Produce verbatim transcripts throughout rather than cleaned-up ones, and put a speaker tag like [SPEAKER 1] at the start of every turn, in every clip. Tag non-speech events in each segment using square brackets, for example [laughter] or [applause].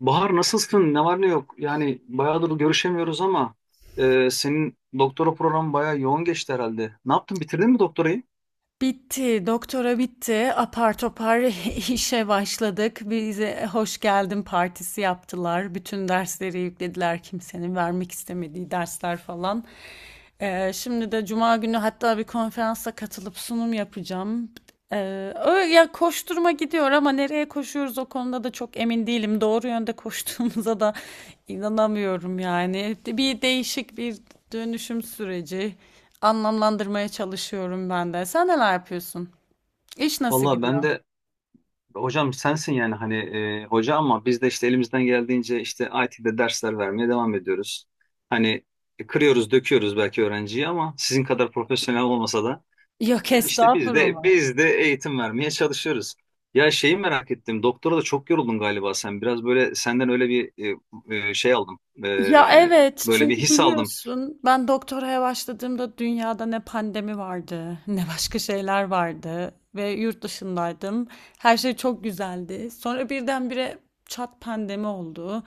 [SPEAKER 1] Bahar, nasılsın? Ne var ne yok? Yani bayağıdır görüşemiyoruz ama e, senin doktora programı bayağı yoğun geçti herhalde. Ne yaptın? Bitirdin mi doktorayı?
[SPEAKER 2] Bitti, doktora bitti. Apar topar [laughs] işe başladık. Bize hoş geldin partisi yaptılar. Bütün dersleri yüklediler kimsenin vermek istemediği dersler falan. Ee, şimdi de Cuma günü hatta bir konferansa katılıp sunum yapacağım. Ee, öyle ya koşturma gidiyor ama nereye koşuyoruz o konuda da çok emin değilim. Doğru yönde [laughs] koştuğumuza da inanamıyorum yani. Bir değişik bir dönüşüm süreci. Anlamlandırmaya çalışıyorum ben de. Sen neler yapıyorsun? İş nasıl
[SPEAKER 1] Vallahi ben
[SPEAKER 2] gidiyor?
[SPEAKER 1] de hocam sensin yani hani e, hoca ama biz de işte elimizden geldiğince işte I T'de dersler vermeye devam ediyoruz. Hani e, kırıyoruz, döküyoruz belki öğrenciyi ama sizin kadar profesyonel olmasa da.
[SPEAKER 2] Yok
[SPEAKER 1] İşte biz de
[SPEAKER 2] estağfurullah.
[SPEAKER 1] biz de eğitim vermeye çalışıyoruz. Ya, şeyi merak ettim. Doktora da çok yoruldun galiba sen. Biraz böyle senden öyle bir e, e, şey aldım. E,
[SPEAKER 2] Ya, evet,
[SPEAKER 1] böyle bir
[SPEAKER 2] çünkü
[SPEAKER 1] his aldım.
[SPEAKER 2] biliyorsun ben doktoraya başladığımda dünyada ne pandemi vardı, [laughs] ne başka şeyler vardı ve yurt dışındaydım. Her şey çok güzeldi. Sonra birdenbire çat pandemi oldu.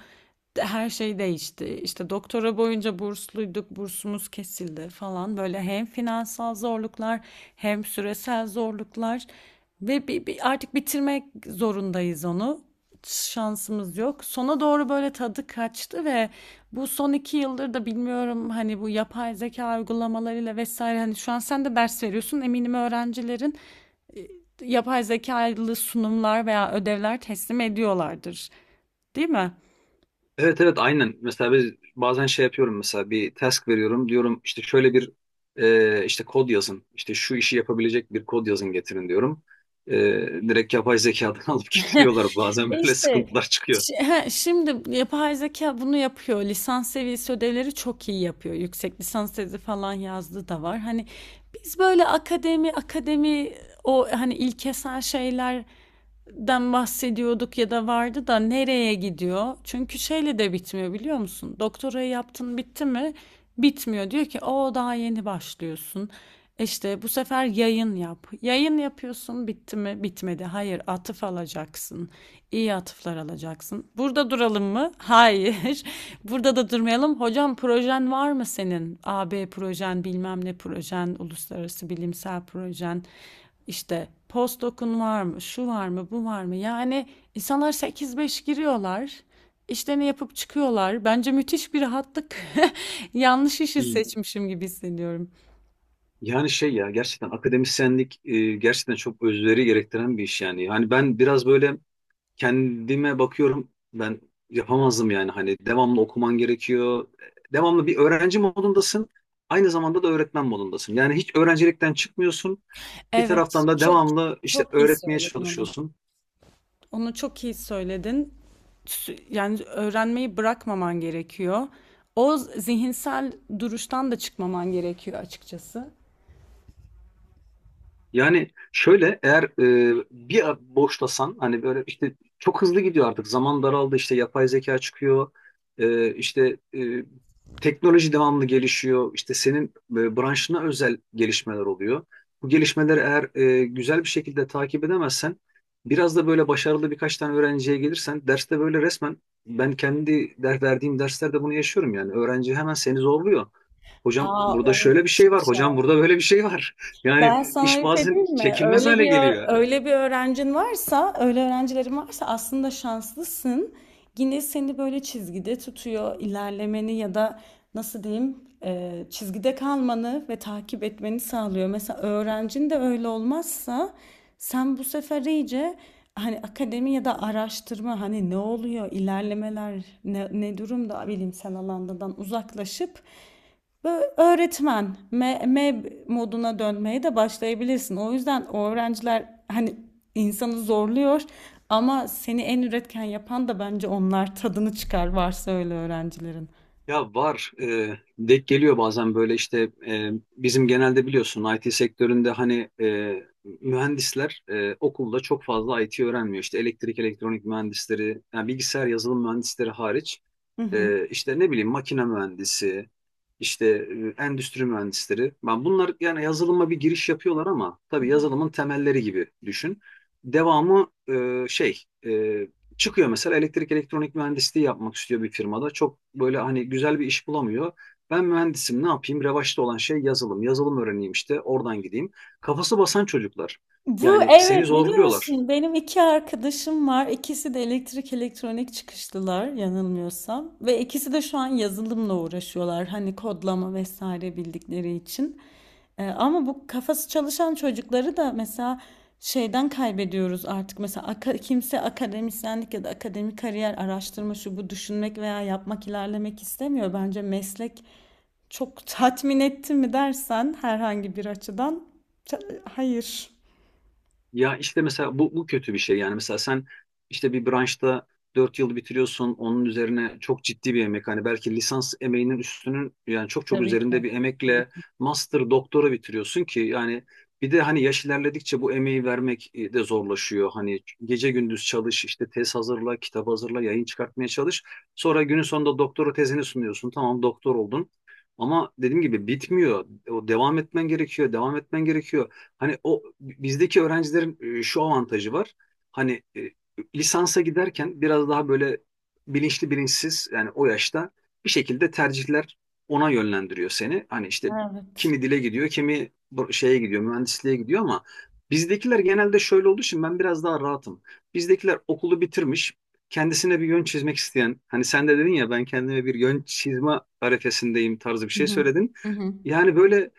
[SPEAKER 2] De- Her şey değişti. İşte doktora boyunca bursluyduk, bursumuz kesildi falan. Böyle hem finansal zorluklar hem süresel zorluklar ve bi- bi- artık bitirmek zorundayız onu, şansımız yok. Sona doğru böyle tadı kaçtı ve bu son iki yıldır da bilmiyorum, hani bu yapay zeka uygulamalarıyla vesaire, hani şu an sen de ders veriyorsun, eminim öğrencilerin yapay zekalı sunumlar veya ödevler teslim ediyorlardır. Değil mi?
[SPEAKER 1] Evet, evet, aynen. Mesela biz bazen şey yapıyorum, mesela bir task veriyorum. Diyorum işte şöyle bir e, işte kod yazın. İşte şu işi yapabilecek bir kod yazın getirin diyorum. E, Direkt yapay zekadan [laughs] alıp getiriyorlar. Bazen
[SPEAKER 2] E
[SPEAKER 1] böyle
[SPEAKER 2] İşte
[SPEAKER 1] sıkıntılar çıkıyor.
[SPEAKER 2] Şi- he, Şimdi yapay zeka bunu yapıyor. Lisans seviyesi ödevleri çok iyi yapıyor. Yüksek lisans tezi falan yazdığı da var. Hani biz böyle akademi akademi, o hani ilkesel şeyler den bahsediyorduk ya, da vardı da nereye gidiyor? Çünkü şeyle de bitmiyor biliyor musun? Doktorayı yaptın, bitti mi? Bitmiyor. Diyor ki o, daha yeni başlıyorsun. İşte bu sefer yayın yap. Yayın yapıyorsun, bitti mi? Bitmedi. Hayır, atıf alacaksın. İyi atıflar alacaksın. Burada duralım mı? Hayır. [laughs] Burada da durmayalım. Hocam projen var mı senin? A b projen, bilmem ne projen, uluslararası bilimsel projen. İşte postdoc'un var mı, şu var mı, bu var mı? Yani insanlar sekiz beş giriyorlar, işlerini yapıp çıkıyorlar. Bence müthiş bir rahatlık. [laughs] Yanlış işi seçmişim gibi hissediyorum.
[SPEAKER 1] Yani şey ya, gerçekten akademisyenlik e, gerçekten çok özveri gerektiren bir iş yani. Hani ben biraz böyle kendime bakıyorum, ben yapamazdım yani, hani devamlı okuman gerekiyor. Devamlı bir öğrenci modundasın, aynı zamanda da öğretmen modundasın. Yani hiç öğrencilikten çıkmıyorsun, bir
[SPEAKER 2] Evet,
[SPEAKER 1] taraftan da
[SPEAKER 2] çok
[SPEAKER 1] devamlı işte
[SPEAKER 2] çok iyi
[SPEAKER 1] öğretmeye
[SPEAKER 2] söyledin onu.
[SPEAKER 1] çalışıyorsun.
[SPEAKER 2] Onu çok iyi söyledin. Sü- Yani öğrenmeyi bırakmaman gerekiyor. O zihinsel duruştan da çıkmaman gerekiyor açıkçası.
[SPEAKER 1] Yani şöyle, eğer e, bir a- boşlasan hani böyle, işte çok hızlı gidiyor artık, zaman daraldı, işte yapay zeka çıkıyor, e, işte e, teknoloji devamlı gelişiyor, işte senin e, branşına özel gelişmeler oluyor. Bu gelişmeleri eğer e, güzel bir şekilde takip edemezsen, biraz da böyle başarılı birkaç tane öğrenciye gelirsen derste, böyle resmen ben kendi der, verdiğim derslerde bunu yaşıyorum, yani öğrenci hemen seni zorluyor. Hocam
[SPEAKER 2] Aa,
[SPEAKER 1] burada
[SPEAKER 2] o
[SPEAKER 1] şöyle bir
[SPEAKER 2] müthiş
[SPEAKER 1] şey
[SPEAKER 2] bir
[SPEAKER 1] var,
[SPEAKER 2] şey.
[SPEAKER 1] hocam burada böyle bir şey var. [laughs] Yani
[SPEAKER 2] Ben sana
[SPEAKER 1] İş
[SPEAKER 2] bir şey
[SPEAKER 1] bazen
[SPEAKER 2] diyeyim mi?
[SPEAKER 1] çekilmez
[SPEAKER 2] Öyle
[SPEAKER 1] hale
[SPEAKER 2] bir ö-
[SPEAKER 1] geliyor.
[SPEAKER 2] öyle bir öğrencin varsa, öyle öğrencilerin varsa aslında şanslısın. Yine seni böyle çizgide tutuyor, ilerlemeni, ya da nasıl diyeyim, e, çizgide kalmanı ve takip etmeni sağlıyor. Mesela öğrencin de öyle olmazsa, sen bu sefer iyice hani akademi ya da araştırma, hani ne oluyor, ilerlemeler ne, ne durumda, bilimsel alandan uzaklaşıp böyle öğretmen me- meb moduna dönmeye de başlayabilirsin. O yüzden o öğrenciler hani insanı zorluyor ama seni en üretken yapan da bence onlar, tadını çıkar varsa öyle öğrencilerin.
[SPEAKER 1] Ya var, e, denk geliyor bazen böyle, işte e, bizim genelde biliyorsun I T sektöründe hani e, mühendisler e, okulda çok fazla I T öğrenmiyor. İşte elektrik, elektronik mühendisleri, yani bilgisayar yazılım mühendisleri hariç,
[SPEAKER 2] Hı
[SPEAKER 1] e, işte ne bileyim makine mühendisi, işte e, endüstri mühendisleri. Ben bunlar yani yazılıma bir giriş yapıyorlar, ama tabii
[SPEAKER 2] hı.
[SPEAKER 1] yazılımın temelleri gibi düşün. Devamı e, şey, e, çıkıyor mesela, elektrik elektronik mühendisliği yapmak istiyor bir firmada. Çok böyle hani güzel bir iş bulamıyor. Ben mühendisim, ne yapayım? Revaçta olan şey yazılım. Yazılım öğreneyim, işte oradan gideyim. Kafası basan çocuklar.
[SPEAKER 2] Bu
[SPEAKER 1] Yani seni
[SPEAKER 2] evet, biliyor
[SPEAKER 1] zorluyorlar.
[SPEAKER 2] musun benim iki arkadaşım var. İkisi de elektrik elektronik çıkışlılar yanılmıyorsam. Ve ikisi de şu an yazılımla uğraşıyorlar. Hani kodlama vesaire bildikleri için. Ee, ama bu kafası çalışan çocukları da mesela şeyden kaybediyoruz artık. Mesela aka- kimse akademisyenlik ya da akademik kariyer, araştırma şu bu düşünmek veya yapmak, ilerlemek istemiyor. Bence meslek çok tatmin etti mi dersen herhangi bir açıdan, ta- hayır.
[SPEAKER 1] Ya işte mesela bu, bu kötü bir şey yani, mesela sen işte bir branşta dört yıl bitiriyorsun, onun üzerine çok ciddi bir emek, hani belki lisans emeğinin üstünün, yani çok çok
[SPEAKER 2] Tabii ki.
[SPEAKER 1] üzerinde bir
[SPEAKER 2] Tabii
[SPEAKER 1] emekle
[SPEAKER 2] ki.
[SPEAKER 1] master doktora bitiriyorsun ki yani, bir de hani yaş ilerledikçe bu emeği vermek e, de zorlaşıyor, hani gece gündüz çalış, işte tez hazırla, kitap hazırla, yayın çıkartmaya çalış, sonra günün sonunda doktora tezini sunuyorsun, tamam, doktor oldun, ama dediğim gibi bitmiyor, o devam etmen gerekiyor, devam etmen gerekiyor. Hani o bizdeki öğrencilerin e, şu avantajı var. Hani e, lisansa giderken biraz daha böyle bilinçli, bilinçsiz yani o yaşta bir şekilde tercihler ona yönlendiriyor seni. Hani işte
[SPEAKER 2] Evet.
[SPEAKER 1] kimi dile gidiyor, kimi bu- şeye gidiyor, mühendisliğe gidiyor, ama bizdekiler genelde şöyle olduğu için ben biraz daha rahatım. Bizdekiler okulu bitirmiş, kendisine bir yön çizmek isteyen, hani sen de dedin ya ben kendime bir yön çizme arifesindeyim tarzı bir
[SPEAKER 2] Hı
[SPEAKER 1] şey
[SPEAKER 2] hı.
[SPEAKER 1] söyledin.
[SPEAKER 2] Hı hı.
[SPEAKER 1] Yani böyle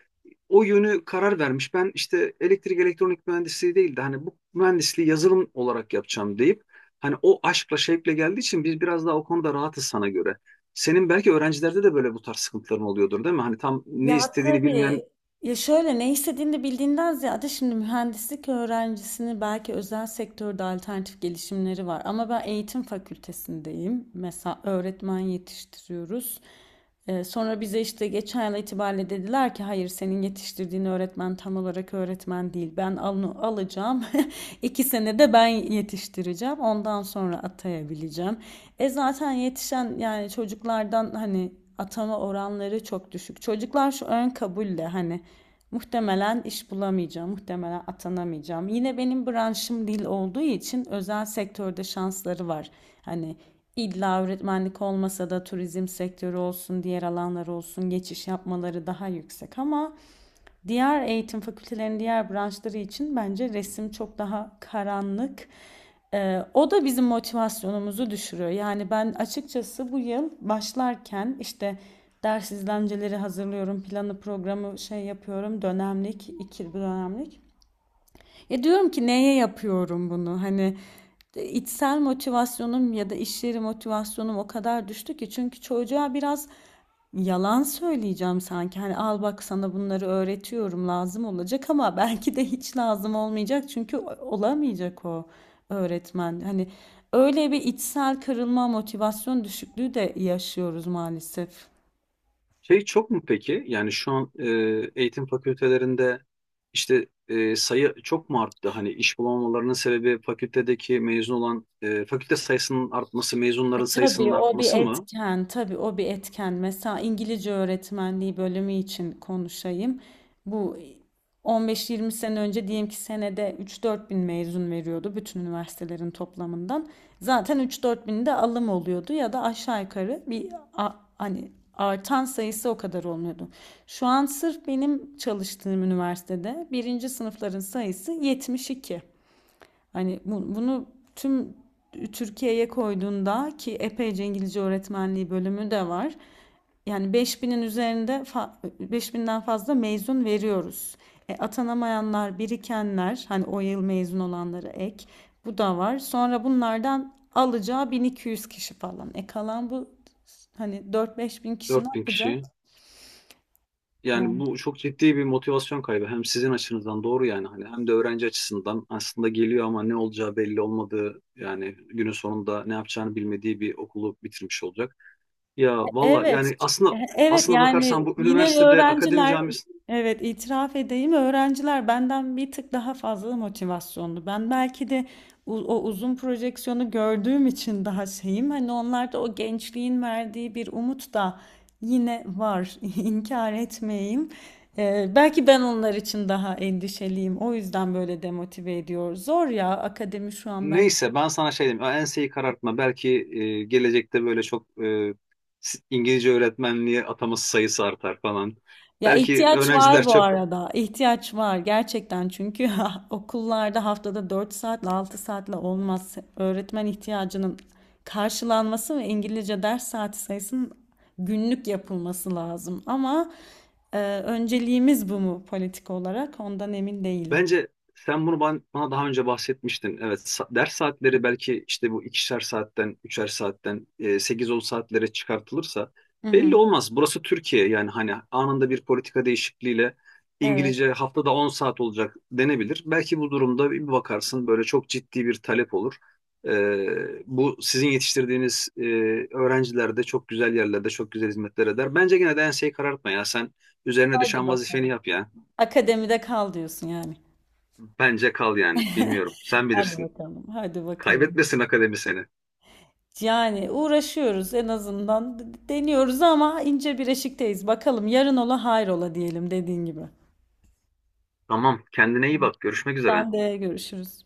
[SPEAKER 1] o yönü karar vermiş. Ben işte elektrik elektronik mühendisliği değil de hani bu mühendisliği yazılım olarak yapacağım deyip hani o aşkla şevkle geldiği için biz biraz daha o konuda rahatız sana göre. Senin belki öğrencilerde de böyle bu tarz sıkıntıların oluyordur, değil mi? Hani tam ne
[SPEAKER 2] Ya
[SPEAKER 1] istediğini bilmeyen
[SPEAKER 2] tabii. Ya şöyle, ne istediğini bildiğinden ziyade, şimdi mühendislik öğrencisini belki özel sektörde alternatif gelişimleri var. Ama ben eğitim fakültesindeyim. Mesela öğretmen yetiştiriyoruz. Ee, sonra bize işte geçen yıl itibariyle dediler ki hayır, senin yetiştirdiğin öğretmen tam olarak öğretmen değil. Ben onu alacağım. [laughs] İki senede ben yetiştireceğim. Ondan sonra atayabileceğim. E zaten yetişen yani çocuklardan, hani atama oranları çok düşük. Çocuklar şu ön kabulle hani, muhtemelen iş bulamayacağım, muhtemelen atanamayacağım. Yine benim branşım dil olduğu için özel sektörde şansları var. Hani İlla öğretmenlik olmasa da, turizm sektörü olsun, diğer alanlar olsun, geçiş yapmaları daha yüksek ama diğer eğitim fakültelerinin diğer branşları için bence resim çok daha karanlık. Ee, o da bizim motivasyonumuzu düşürüyor. Yani ben açıkçası bu yıl başlarken işte ders izlenceleri hazırlıyorum, planı programı şey yapıyorum, dönemlik, iki dönemlik. Ya diyorum ki neye yapıyorum bunu? Hani e, içsel motivasyonum ya da iş yeri motivasyonum o kadar düştü ki, çünkü çocuğa biraz yalan söyleyeceğim sanki. Hani al bak sana bunları öğretiyorum, lazım olacak ama [laughs] belki de hiç lazım olmayacak, çünkü olamayacak o öğretmen. Hani öyle bir içsel kırılma, motivasyon düşüklüğü de yaşıyoruz maalesef.
[SPEAKER 1] şey çok mu peki? Yani şu an e, eğitim fakültelerinde işte e, sayı çok mu arttı? Hani iş bulamamalarının sebebi fakültedeki mezun olan e, fakülte sayısının artması,
[SPEAKER 2] E,
[SPEAKER 1] mezunların sayısının
[SPEAKER 2] tabii o bir
[SPEAKER 1] artması mı?
[SPEAKER 2] etken, tabii o bir etken. Mesela İngilizce öğretmenliği bölümü için konuşayım. Bu on beş yirmi sene önce diyelim ki senede üç dört bin mezun veriyordu bütün üniversitelerin toplamından. Zaten üç dört bin de alım oluyordu ya da aşağı yukarı, bir a- hani artan sayısı o kadar olmuyordu. Şu an sırf benim çalıştığım üniversitede birinci sınıfların sayısı yetmiş iki. Hani bu- bunu tüm Türkiye'ye koyduğunda, ki epeyce İngilizce öğretmenliği bölümü de var, yani beş binin üzerinde fa- beş binden fazla mezun veriyoruz. E, atanamayanlar, birikenler, hani o yıl mezun olanlara ek, bu da var. Sonra bunlardan alacağı bin iki yüz kişi falan. E kalan bu hani dört beş bin kişi ne
[SPEAKER 1] Dört bin
[SPEAKER 2] yapacak?
[SPEAKER 1] kişi. Yani
[SPEAKER 2] Yani
[SPEAKER 1] bu çok ciddi bir motivasyon kaybı. Hem sizin açınızdan doğru yani, hani hem de öğrenci açısından aslında geliyor ama ne olacağı belli olmadığı, yani günün sonunda ne yapacağını bilmediği bir okulu bitirmiş olacak. Ya valla
[SPEAKER 2] evet,
[SPEAKER 1] yani
[SPEAKER 2] ç-
[SPEAKER 1] aslında
[SPEAKER 2] e- evet
[SPEAKER 1] aslında bakarsan
[SPEAKER 2] yani
[SPEAKER 1] bu
[SPEAKER 2] yine
[SPEAKER 1] üniversitede akademi
[SPEAKER 2] öğrenciler,
[SPEAKER 1] camiası
[SPEAKER 2] evet itiraf edeyim, öğrenciler benden bir tık daha fazla motivasyonlu. Ben belki de u- o uzun projeksiyonu gördüğüm için daha şeyim. Hani onlarda o gençliğin verdiği bir umut da yine var. [laughs] İnkar etmeyeyim. Ee, belki ben onlar için daha endişeliyim. O yüzden böyle demotive ediyor. Zor ya akademi şu an.
[SPEAKER 1] neyse, ben sana şey diyeyim, ya enseyi karartma, belki e, gelecekte böyle çok e, İngilizce öğretmenliğe ataması sayısı artar falan.
[SPEAKER 2] Ya
[SPEAKER 1] Belki
[SPEAKER 2] ihtiyaç var
[SPEAKER 1] öğrenciler
[SPEAKER 2] bu
[SPEAKER 1] çok.
[SPEAKER 2] arada. İhtiyaç var gerçekten, çünkü [laughs] okullarda haftada dört saatle altı saatle olmaz. Öğretmen ihtiyacının karşılanması ve İngilizce ders saati sayısının günlük yapılması lazım. Ama e, önceliğimiz bu mu politik olarak ondan emin değilim.
[SPEAKER 1] Bence sen bunu ban- bana daha önce bahsetmiştin. Evet, sa- ders saatleri belki işte bu ikişer saatten, üçer saatten, e, sekiz on saatlere çıkartılırsa
[SPEAKER 2] Hı hı.
[SPEAKER 1] belli olmaz. Burası Türkiye yani, hani anında bir politika değişikliğiyle
[SPEAKER 2] Evet.
[SPEAKER 1] İngilizce haftada on saat olacak denebilir. Belki bu durumda bir bakarsın böyle çok ciddi bir talep olur. E, bu sizin yetiştirdiğiniz e, öğrenciler de çok güzel yerlerde çok güzel hizmetler eder. Bence gene de enseyi karartma ya, sen üzerine
[SPEAKER 2] Hadi
[SPEAKER 1] düşen vazifeni
[SPEAKER 2] bakalım.
[SPEAKER 1] yap ya.
[SPEAKER 2] Akademide kal diyorsun yani.
[SPEAKER 1] Bence kal yani. Bilmiyorum. Sen
[SPEAKER 2] Hadi
[SPEAKER 1] bilirsin.
[SPEAKER 2] bakalım. Hadi bakalım.
[SPEAKER 1] Kaybetmesin akademi seni.
[SPEAKER 2] Yani uğraşıyoruz en azından, deniyoruz ama ince bir eşikteyiz. Bakalım yarın ola hayrola diyelim, dediğin gibi.
[SPEAKER 1] Tamam. Kendine iyi bak. Görüşmek üzere.
[SPEAKER 2] Sen de görüşürüz.